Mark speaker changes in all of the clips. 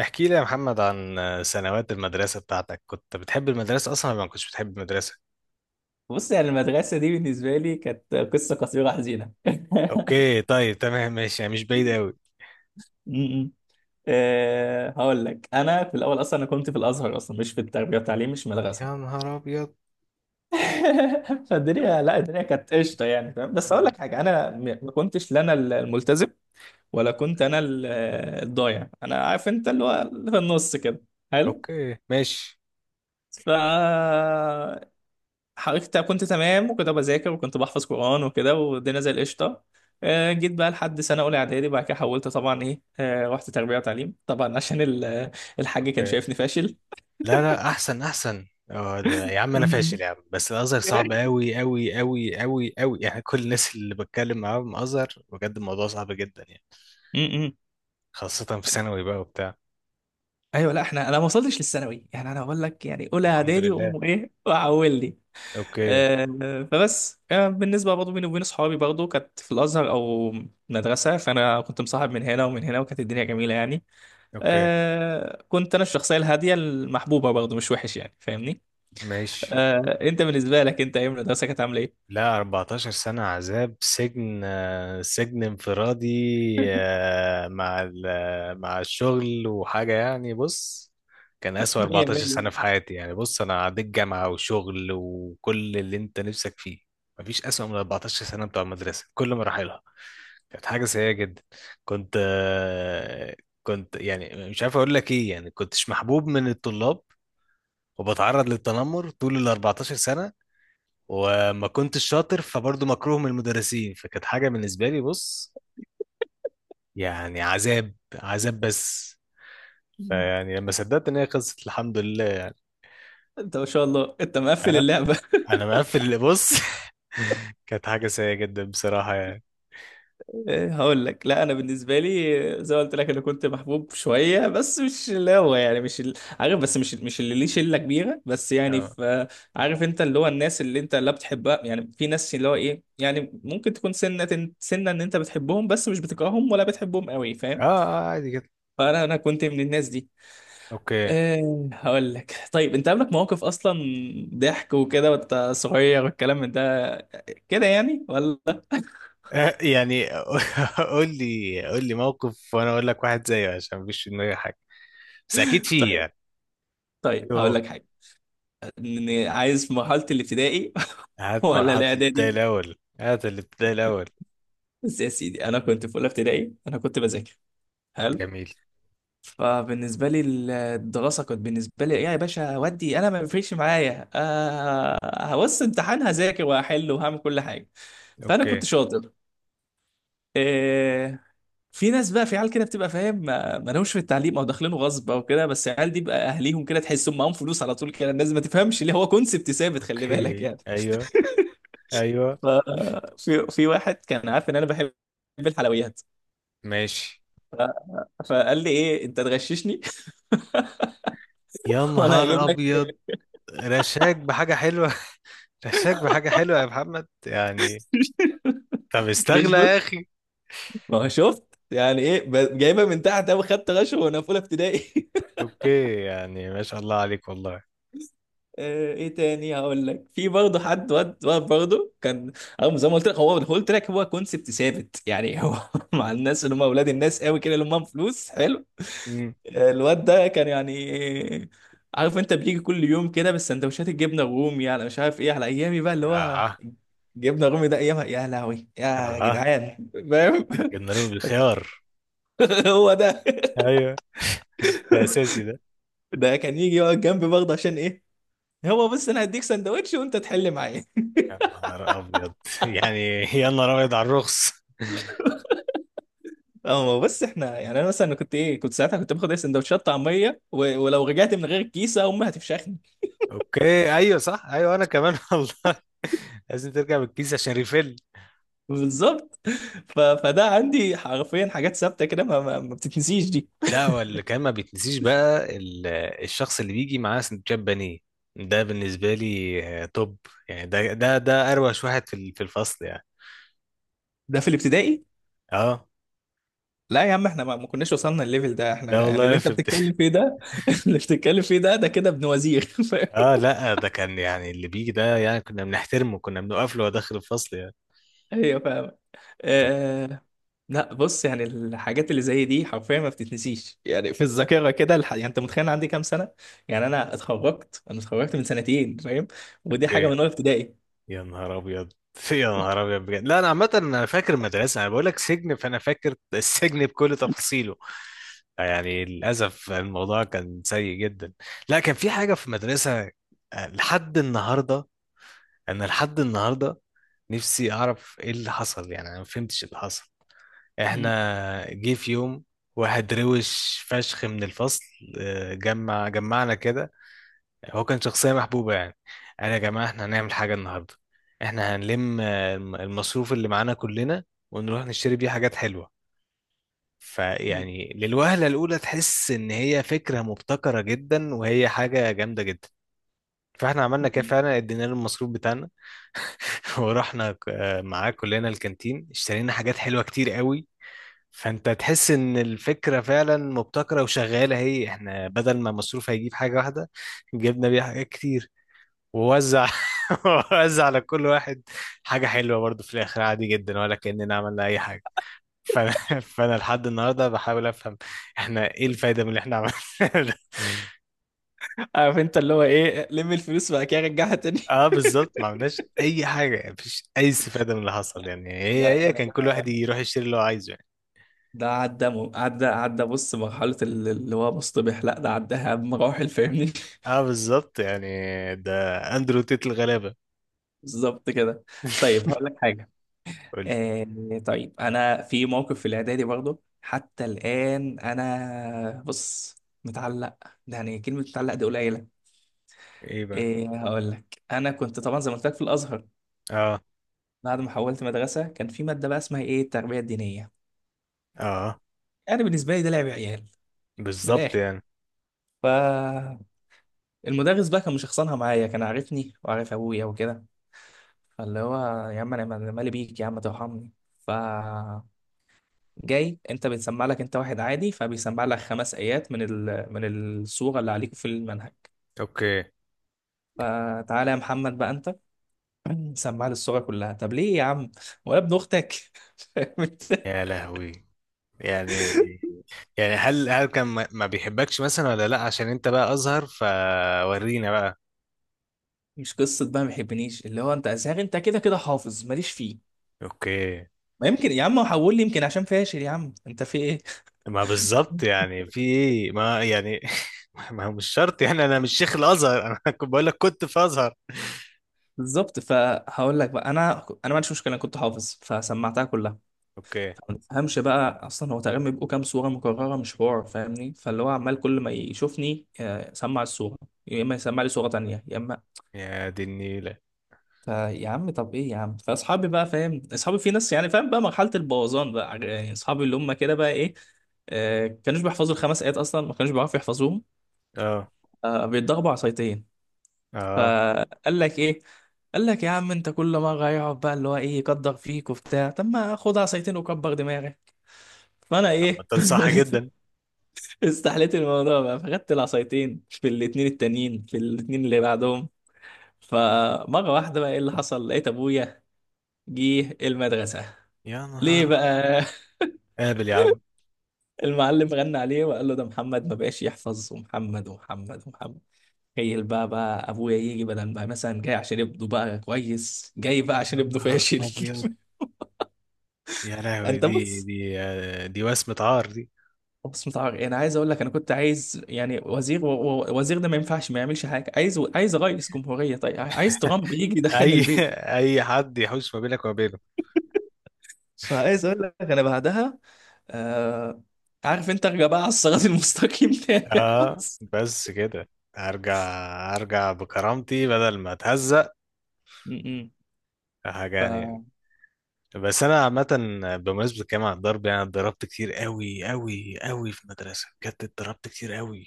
Speaker 1: احكي لي يا محمد عن سنوات المدرسة بتاعتك، كنت بتحب المدرسة أصلا ولا ما كنتش بتحب المدرسة؟
Speaker 2: بص، يعني المدرسة دي بالنسبة لي كانت قصة قصيرة حزينة.
Speaker 1: أوكي طيب تمام ماشي، يعني مش بعيد أوي.
Speaker 2: م- م. أه، هقول لك. أنا في الأول أصلا أنا كنت في الأزهر، أصلا مش في التربية والتعليم، مش مدرسة.
Speaker 1: يا نهار أبيض.
Speaker 2: فالدنيا، لا الدنيا كانت قشطة، يعني فاهم. بس هقول لك حاجة، أنا ما كنتش لا أنا الملتزم ولا كنت
Speaker 1: أوكي
Speaker 2: أنا الضايع، أنا عارف، أنت اللي هو اللي في النص كده. حلو.
Speaker 1: أوكي ماشي.
Speaker 2: ف حضرتك كنت تمام وكده، بذاكر وكنت بحفظ قرآن وكده، والدنيا زي القشطة. آه، جيت بقى لحد سنة أولى إعدادي، بعد كده حولت طبعا، إيه آه، رحت تربية وتعليم طبعا، عشان الحاج كان
Speaker 1: أوكي.
Speaker 2: شايفني فاشل.
Speaker 1: لا لا أحسن أحسن. يا عم أنا
Speaker 2: م-
Speaker 1: فاشل يا عم، بس الأزهر صعب أوي أوي أوي أوي أوي، يعني كل الناس اللي بتكلم معاهم أزهر بجد، الموضوع صعب جدا يعني.
Speaker 2: م- م.
Speaker 1: خاصة في ثانوي بقى وبتاع.
Speaker 2: ايوه، لا احنا انا ما وصلتش للثانوي، يعني انا بقول لك، يعني اولى
Speaker 1: الحمد
Speaker 2: اعدادي
Speaker 1: لله.
Speaker 2: وامه ايه وعولني.
Speaker 1: أوكي
Speaker 2: آه، فبس آه، بالنسبه برضه بيني وبين اصحابي، برضه كانت في الازهر او مدرسه، فانا كنت مصاحب من هنا ومن هنا، وكانت الدنيا جميله يعني.
Speaker 1: أوكي
Speaker 2: آه، كنت انا الشخصيه الهاديه المحبوبه، برضه مش وحش يعني، فاهمني.
Speaker 1: ماشي.
Speaker 2: آه، انت بالنسبه لك انت، ايام المدرسه كانت عامله ايه؟
Speaker 1: لا، 14 سنة عذاب سجن، سجن انفرادي. مع الشغل وحاجة يعني. بص، كان أسوأ
Speaker 2: 100
Speaker 1: 14
Speaker 2: 100.
Speaker 1: سنة في حياتي، يعني بص أنا عديت جامعة وشغل وكل اللي أنت نفسك فيه. مفيش أسوأ من 14 سنة بتوع المدرسة، كل مراحلها كانت حاجة سيئة جدا. كنت آه، كنت يعني مش عارف أقول لك إيه، يعني كنتش محبوب من الطلاب، وبتعرض للتنمر طول ال 14 سنة، وما كنتش شاطر فبرضه مكروه من المدرسين، فكانت حاجة بالنسبة لي بص، يعني عذاب عذاب بس. فيعني لما صدقت ان هي خلصت، الحمد لله.
Speaker 2: انت ما شاء الله، انت مقفل
Speaker 1: أه؟
Speaker 2: اللعبه.
Speaker 1: انا مقفل اللي بص. كانت حاجة سيئة جدا بصراحة يعني.
Speaker 2: آه، هقول لك. لا انا بالنسبه لي آه، زي ما قلت لك، انا كنت محبوب شويه، بس مش اللي هو يعني، مش عارف، بس مش اللي ليه شله كبيره، بس يعني
Speaker 1: اه
Speaker 2: في آه، عارف انت اللي هو الناس اللي انت لا بتحبها، يعني في ناس اللي هو ايه، يعني ممكن تكون سنه سنه ان انت بتحبهم، بس مش بتكرههم ولا بتحبهم قوي،
Speaker 1: اه.
Speaker 2: فاهم.
Speaker 1: عادي جدا.
Speaker 2: فانا كنت من الناس دي.
Speaker 1: اوكي.
Speaker 2: إيه هقول لك، طيب انت قابلك مواقف اصلا ضحك وكده، وانت صغير، والكلام من ده كده يعني ولا؟
Speaker 1: آه، يعني قول لي قول لي موقف وانا اقول لك واحد زيه، عشان مفيش في دماغي حاجة، بس اكيد فيه
Speaker 2: طيب،
Speaker 1: يعني.
Speaker 2: طيب هقول
Speaker 1: يوه.
Speaker 2: لك حاجه. عايز في مرحله الابتدائي
Speaker 1: هات
Speaker 2: ولا
Speaker 1: مرحلة الابتدائي
Speaker 2: الاعدادي،
Speaker 1: الاول، هات الابتدائي الاول.
Speaker 2: بس يا سيدي انا كنت في اولى ابتدائي، انا كنت بذاكر. حلو.
Speaker 1: جميل.
Speaker 2: فبالنسبه لي الدراسه كانت بالنسبه لي ايه يا باشا، ودي انا ما بيفرقش معايا. آه، هبص امتحان، هذاكر وهحل وهعمل كل حاجه، فانا
Speaker 1: اوكي.
Speaker 2: كنت شاطر. آه، في ناس بقى، في عيال كده بتبقى فاهم، ما لهمش في التعليم، او داخلينه غصب او كده، بس العيال دي بقى اهليهم كده، تحسهم معاهم فلوس على طول كده، الناس ما تفهمش ليه، هو كونسبت ثابت، خلي بالك
Speaker 1: اوكي.
Speaker 2: يعني.
Speaker 1: ايوه ايوه.
Speaker 2: ف- في واحد كان عارف ان انا بحب الحلويات،
Speaker 1: ماشي.
Speaker 2: فقال لي ايه، انت تغششني
Speaker 1: يا
Speaker 2: وانا
Speaker 1: نهار
Speaker 2: هجيب لك.
Speaker 1: ابيض. رشاك بحاجه حلوه. رشاك بحاجه حلوه يا محمد يعني. طب
Speaker 2: فيش
Speaker 1: استغلى يا
Speaker 2: بط،
Speaker 1: اخي.
Speaker 2: ما هو شفت، يعني ايه جايبها من تحت قوي، خدت غش وانا في اولى ابتدائي.
Speaker 1: اوكي، يعني ما شاء الله عليك والله.
Speaker 2: آه، ايه تاني هقول لك؟ في برضه حد، واد واد برضه كان، او زي ما قلت لك، هو قلت لك، هو كونسبت ثابت يعني هو، مع الناس اللي هم اولاد الناس قوي كده، اللي هم معاهم فلوس. حلو.
Speaker 1: امم.
Speaker 2: آه، الواد ده كان يعني، عارف انت بيجي كل يوم كده بالسندوتشات الجبنه الرومي، على مش عارف ايه، على ايامي بقى اللي هو
Speaker 1: اها.
Speaker 2: جبنه الرومي ده ايامها، يا لهوي يا
Speaker 1: اها.
Speaker 2: جدعان، فاهم.
Speaker 1: جنرال بالخيار.
Speaker 2: هو ده.
Speaker 1: ايوه. ده اساسي ده.
Speaker 2: ده كان يجي يقعد جنبي برضه، عشان ايه، هو بس انا هديك سندوتش وانت تحل معايا.
Speaker 1: يا نهار ابيض. يعني يا نهار ابيض على الرخص.
Speaker 2: اه، ما هو بس احنا يعني، انا مثلا كنت ايه، كنت ساعتها كنت باخد ايه، سندوتشات طعميه و... ولو رجعت من غير الكيسه امي هتفشخني.
Speaker 1: اوكي ايوه صح، ايوه انا كمان والله. لازم ترجع بالكيس عشان ريفيل.
Speaker 2: بالظبط. ف... فده عندي حرفيا حاجات ثابته كده، ما بتتنسيش دي.
Speaker 1: لا، هو اللي كان ما بيتنسيش بقى الشخص اللي بيجي معاه سندوتشات بانيه. ده بالنسبة لي توب. يعني ده أروش واحد في في الفصل يعني.
Speaker 2: ده في الابتدائي.
Speaker 1: اه.
Speaker 2: لا يا عم، احنا ما كناش وصلنا الليفل ده، احنا
Speaker 1: لا
Speaker 2: يعني اللي
Speaker 1: والله
Speaker 2: انت
Speaker 1: في بت...
Speaker 2: بتتكلم فيه ده، اللي بتتكلم فيه ده ده كده ابن وزير.
Speaker 1: اه لا، ده كان يعني اللي بيجي ده يعني كنا بنحترمه، كنا بنوقف له وهو داخل الفصل يعني.
Speaker 2: ايوه فاهم.
Speaker 1: اوكي.
Speaker 2: آه... لا بص، يعني الحاجات اللي زي دي حرفيا ما بتتنسيش، يعني في الذاكره كده يعني انت متخيل أنا عندي كام سنه؟ يعني انا اتخرجت من سنتين، فاهم، ودي حاجه
Speaker 1: أوكي.
Speaker 2: من اولى ابتدائي.
Speaker 1: يا نهار ابيض. يا نهار ابيض بجد. لا انا عامة انا فاكر المدرسة، انا بقول لك سجن، فانا فاكر السجن بكل تفاصيله يعني. للأسف الموضوع كان سيء جدا. لا، كان في حاجة في المدرسة لحد النهاردة، أنا لحد النهاردة نفسي أعرف إيه اللي حصل، يعني أنا ما فهمتش اللي حصل. إحنا جه في يوم واحد روش فشخ من الفصل، جمع جمعنا كده. هو كان شخصية محبوبة يعني. قال يا جماعة إحنا هنعمل حاجة النهاردة، إحنا هنلم المصروف اللي معانا كلنا، ونروح نشتري بيه حاجات حلوة. فيعني للوهلة الأولى تحس إن هي فكرة مبتكرة جدا وهي حاجة جامدة جدا. فاحنا عملنا كده
Speaker 2: مم.
Speaker 1: فعلا، ادينا له المصروف بتاعنا. ورحنا معاه كلنا الكانتين، اشترينا حاجات حلوة كتير قوي. فانت تحس ان الفكرة فعلا مبتكرة وشغالة، هي احنا بدل ما مصروف هيجيب حاجة واحدة، جبنا بيها حاجات كتير. ووزع ووزع على كل واحد حاجة حلوة، برضو في الآخر عادي جدا، ولا كأننا عملنا أي حاجة. فانا فانا لحد النهارده بحاول افهم، احنا ايه الفايده من اللي احنا عملناه ده؟ مم.
Speaker 2: عارف انت اللي هو ايه، لم الفلوس بقى كده رجعها تاني.
Speaker 1: اه بالظبط، ما عملناش اي حاجه، مفيش اي استفاده من اللي حصل يعني. هي
Speaker 2: لا
Speaker 1: هي
Speaker 2: لا،
Speaker 1: كان كل
Speaker 2: ده
Speaker 1: واحد
Speaker 2: ده
Speaker 1: يروح يشتري اللي هو عايزه يعني.
Speaker 2: ده عدى عدى بص، مرحله اللي هو مصطبح، لا ده عداها بمراحل، فاهمني.
Speaker 1: اه بالظبط يعني، ده اندرو تيت الغلابه.
Speaker 2: بالظبط كده. طيب هقول لك حاجه.
Speaker 1: قول لي.
Speaker 2: آه، طيب انا في موقف في الاعدادي برضه، حتى الان انا بص، متعلق، ده يعني كلمه متعلق دي قليله.
Speaker 1: ايه بقى.
Speaker 2: ايه هقول لك، انا كنت طبعا زي ما قلت لك في الازهر،
Speaker 1: اه
Speaker 2: بعد ما حولت مدرسه كان في ماده بقى اسمها ايه، التربيه الدينيه،
Speaker 1: اه
Speaker 2: يعني بالنسبه لي ده لعب عيال، من
Speaker 1: بالظبط
Speaker 2: الاخر.
Speaker 1: يعني.
Speaker 2: فالمدرس بقى كان مشخصنها معايا، كان عارفني وعارف ابويا وكده، فاللي هو يا عم انا مالي بيك، يا عم ترحمني. ف جاي انت بتسمع لك انت واحد عادي، فبيسمع لك خمس ايات من ال... من الصوره اللي عليكم في المنهج،
Speaker 1: اوكي.
Speaker 2: فتعالى يا محمد بقى انت، سمع لي الصوره كلها، طب ليه يا عم، ولا ابن اختك. فاهم انت؟
Speaker 1: يا لهوي. يعني يعني هل كان ما بيحبكش مثلا، ولا لا عشان انت بقى ازهر فورينا بقى.
Speaker 2: مش قصه بقى ما يحبنيش، اللي هو انت ازهر، انت كده كده حافظ ماليش فيه.
Speaker 1: اوكي.
Speaker 2: ما يمكن يا عم حول لي، يمكن عشان فاشل، يا عم انت في ايه.
Speaker 1: ما بالظبط يعني، في ايه ما يعني ما هو مش شرط يعني، انا مش شيخ الازهر انا كنت بقول لك كنت في ازهر.
Speaker 2: بالظبط، فهقول لك بقى، انا ما عنديش مشكله، انا كنت حافظ فسمعتها كلها.
Speaker 1: اوكي.
Speaker 2: ما تفهمش بقى، اصلا هو تقريبا بيبقوا كام صوره مكرره، مش حوار فاهمني، فاللي هو عمال كل ما يشوفني آه، سمع الصوره، يا اما يسمع لي صوره تانية، يا اما.
Speaker 1: يا دي النيله.
Speaker 2: فيا عم طب ايه يا عم، فاصحابي بقى فاهم، اصحابي في ناس يعني، فاهم بقى مرحله البوظان بقى، آه، يعني اصحابي اللي هم كده بقى ايه، آه، كانوش بيحفظوا الخمس ايات اصلا، ما كانوش بيعرفوا يحفظوهم،
Speaker 1: اه
Speaker 2: آه، بيتضربوا عصايتين.
Speaker 1: اه.
Speaker 2: فقال لك ايه، قال لك يا عم انت كل مره يقعد بقى اللي هو ايه، يقدر فيك وبتاع، طب ما خد عصايتين وكبر دماغك. فانا
Speaker 1: اما
Speaker 2: ايه،
Speaker 1: ده صح جدا.
Speaker 2: استحليت الموضوع بقى، فخدت العصايتين في الاتنين التانيين، في الاتنين اللي بعدهم. فمرة واحدة بقى ايه اللي حصل، لقيت ابويا جه المدرسة.
Speaker 1: يا
Speaker 2: ليه
Speaker 1: نهار ابيض.
Speaker 2: بقى؟
Speaker 1: قابل يا عم.
Speaker 2: المعلم غنى عليه وقال له ده محمد ما بقاش يحفظ، ومحمد ومحمد ومحمد. تخيل بقى، ابويا يجي، بدل ما مثلا جاي عشان ابنه بقى كويس، جاي بقى
Speaker 1: يا
Speaker 2: عشان ابنه
Speaker 1: نهار
Speaker 2: فاشل.
Speaker 1: ابيض. يا لهوي،
Speaker 2: انت
Speaker 1: دي
Speaker 2: بص،
Speaker 1: دي آه، دي وسمة عار دي.
Speaker 2: بص متعرق، انا عايز اقول لك انا كنت عايز يعني وزير وزير ده ما ينفعش ما يعملش حاجه، عايز، رئيس جمهوريه، طيب عايز ترامب يجي يدخلني
Speaker 1: اي
Speaker 2: البيت.
Speaker 1: اي حد يحوش ما بينك وما بينه.
Speaker 2: فعايز اقول لك انا بعدها آه، عارف انت ارجع بقى على الصراط المستقيم تاني، يا
Speaker 1: اه
Speaker 2: بص.
Speaker 1: بس كده. ارجع. ارجع بكرامتي بدل ما اتهزق.
Speaker 2: م- م.
Speaker 1: حاجه يعني.
Speaker 2: فما
Speaker 1: بس انا عامه، بمناسبه الكلام عن الضرب، يعني أنا اتضربت كتير قوي قوي قوي في المدرسه بجد، اتضربت كتير قوي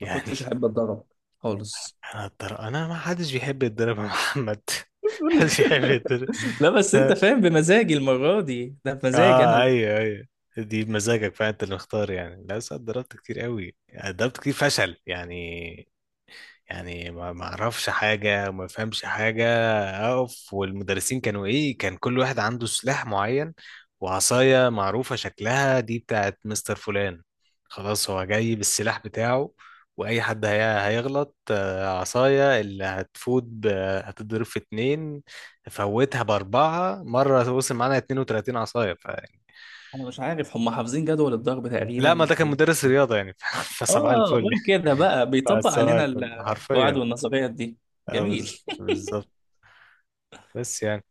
Speaker 1: يعني.
Speaker 2: كنتش احب اتضرب خالص،
Speaker 1: انا اتضرب انا، ما حدش بيحب يتضرب يا محمد.
Speaker 2: بقول لك.
Speaker 1: محدش يحب يتضرب.
Speaker 2: لا بس
Speaker 1: ف...
Speaker 2: انت فاهم، بمزاجي المره دي، ده بمزاجي
Speaker 1: اه
Speaker 2: انا.
Speaker 1: ايوه ايوه. دي بمزاجك فانت اللي مختار يعني. لا بس أنا اتضربت كتير قوي، اتضربت كتير فشل يعني. يعني ما اعرفش حاجه وما فهمش حاجه. اقف والمدرسين كانوا ايه، كان كل واحد عنده سلاح معين وعصايه معروفه شكلها، دي بتاعت مستر فلان، خلاص هو جاي بالسلاح بتاعه. واي حد هيغلط عصايه اللي هتضرب في اتنين، فوتها باربعه، مره وصل معانا 32 عصايه يعني.
Speaker 2: انا مش عارف هم حافظين جدول الضرب
Speaker 1: لا ما
Speaker 2: تقريبا.
Speaker 1: ده كان مدرس رياضه يعني. فصباح
Speaker 2: اه
Speaker 1: الفل.
Speaker 2: قول كده بقى، بيطبق
Speaker 1: فصباح
Speaker 2: علينا
Speaker 1: الفل
Speaker 2: القواعد
Speaker 1: حرفيا.
Speaker 2: والنظريات دي. جميل.
Speaker 1: بالظبط. بس يعني.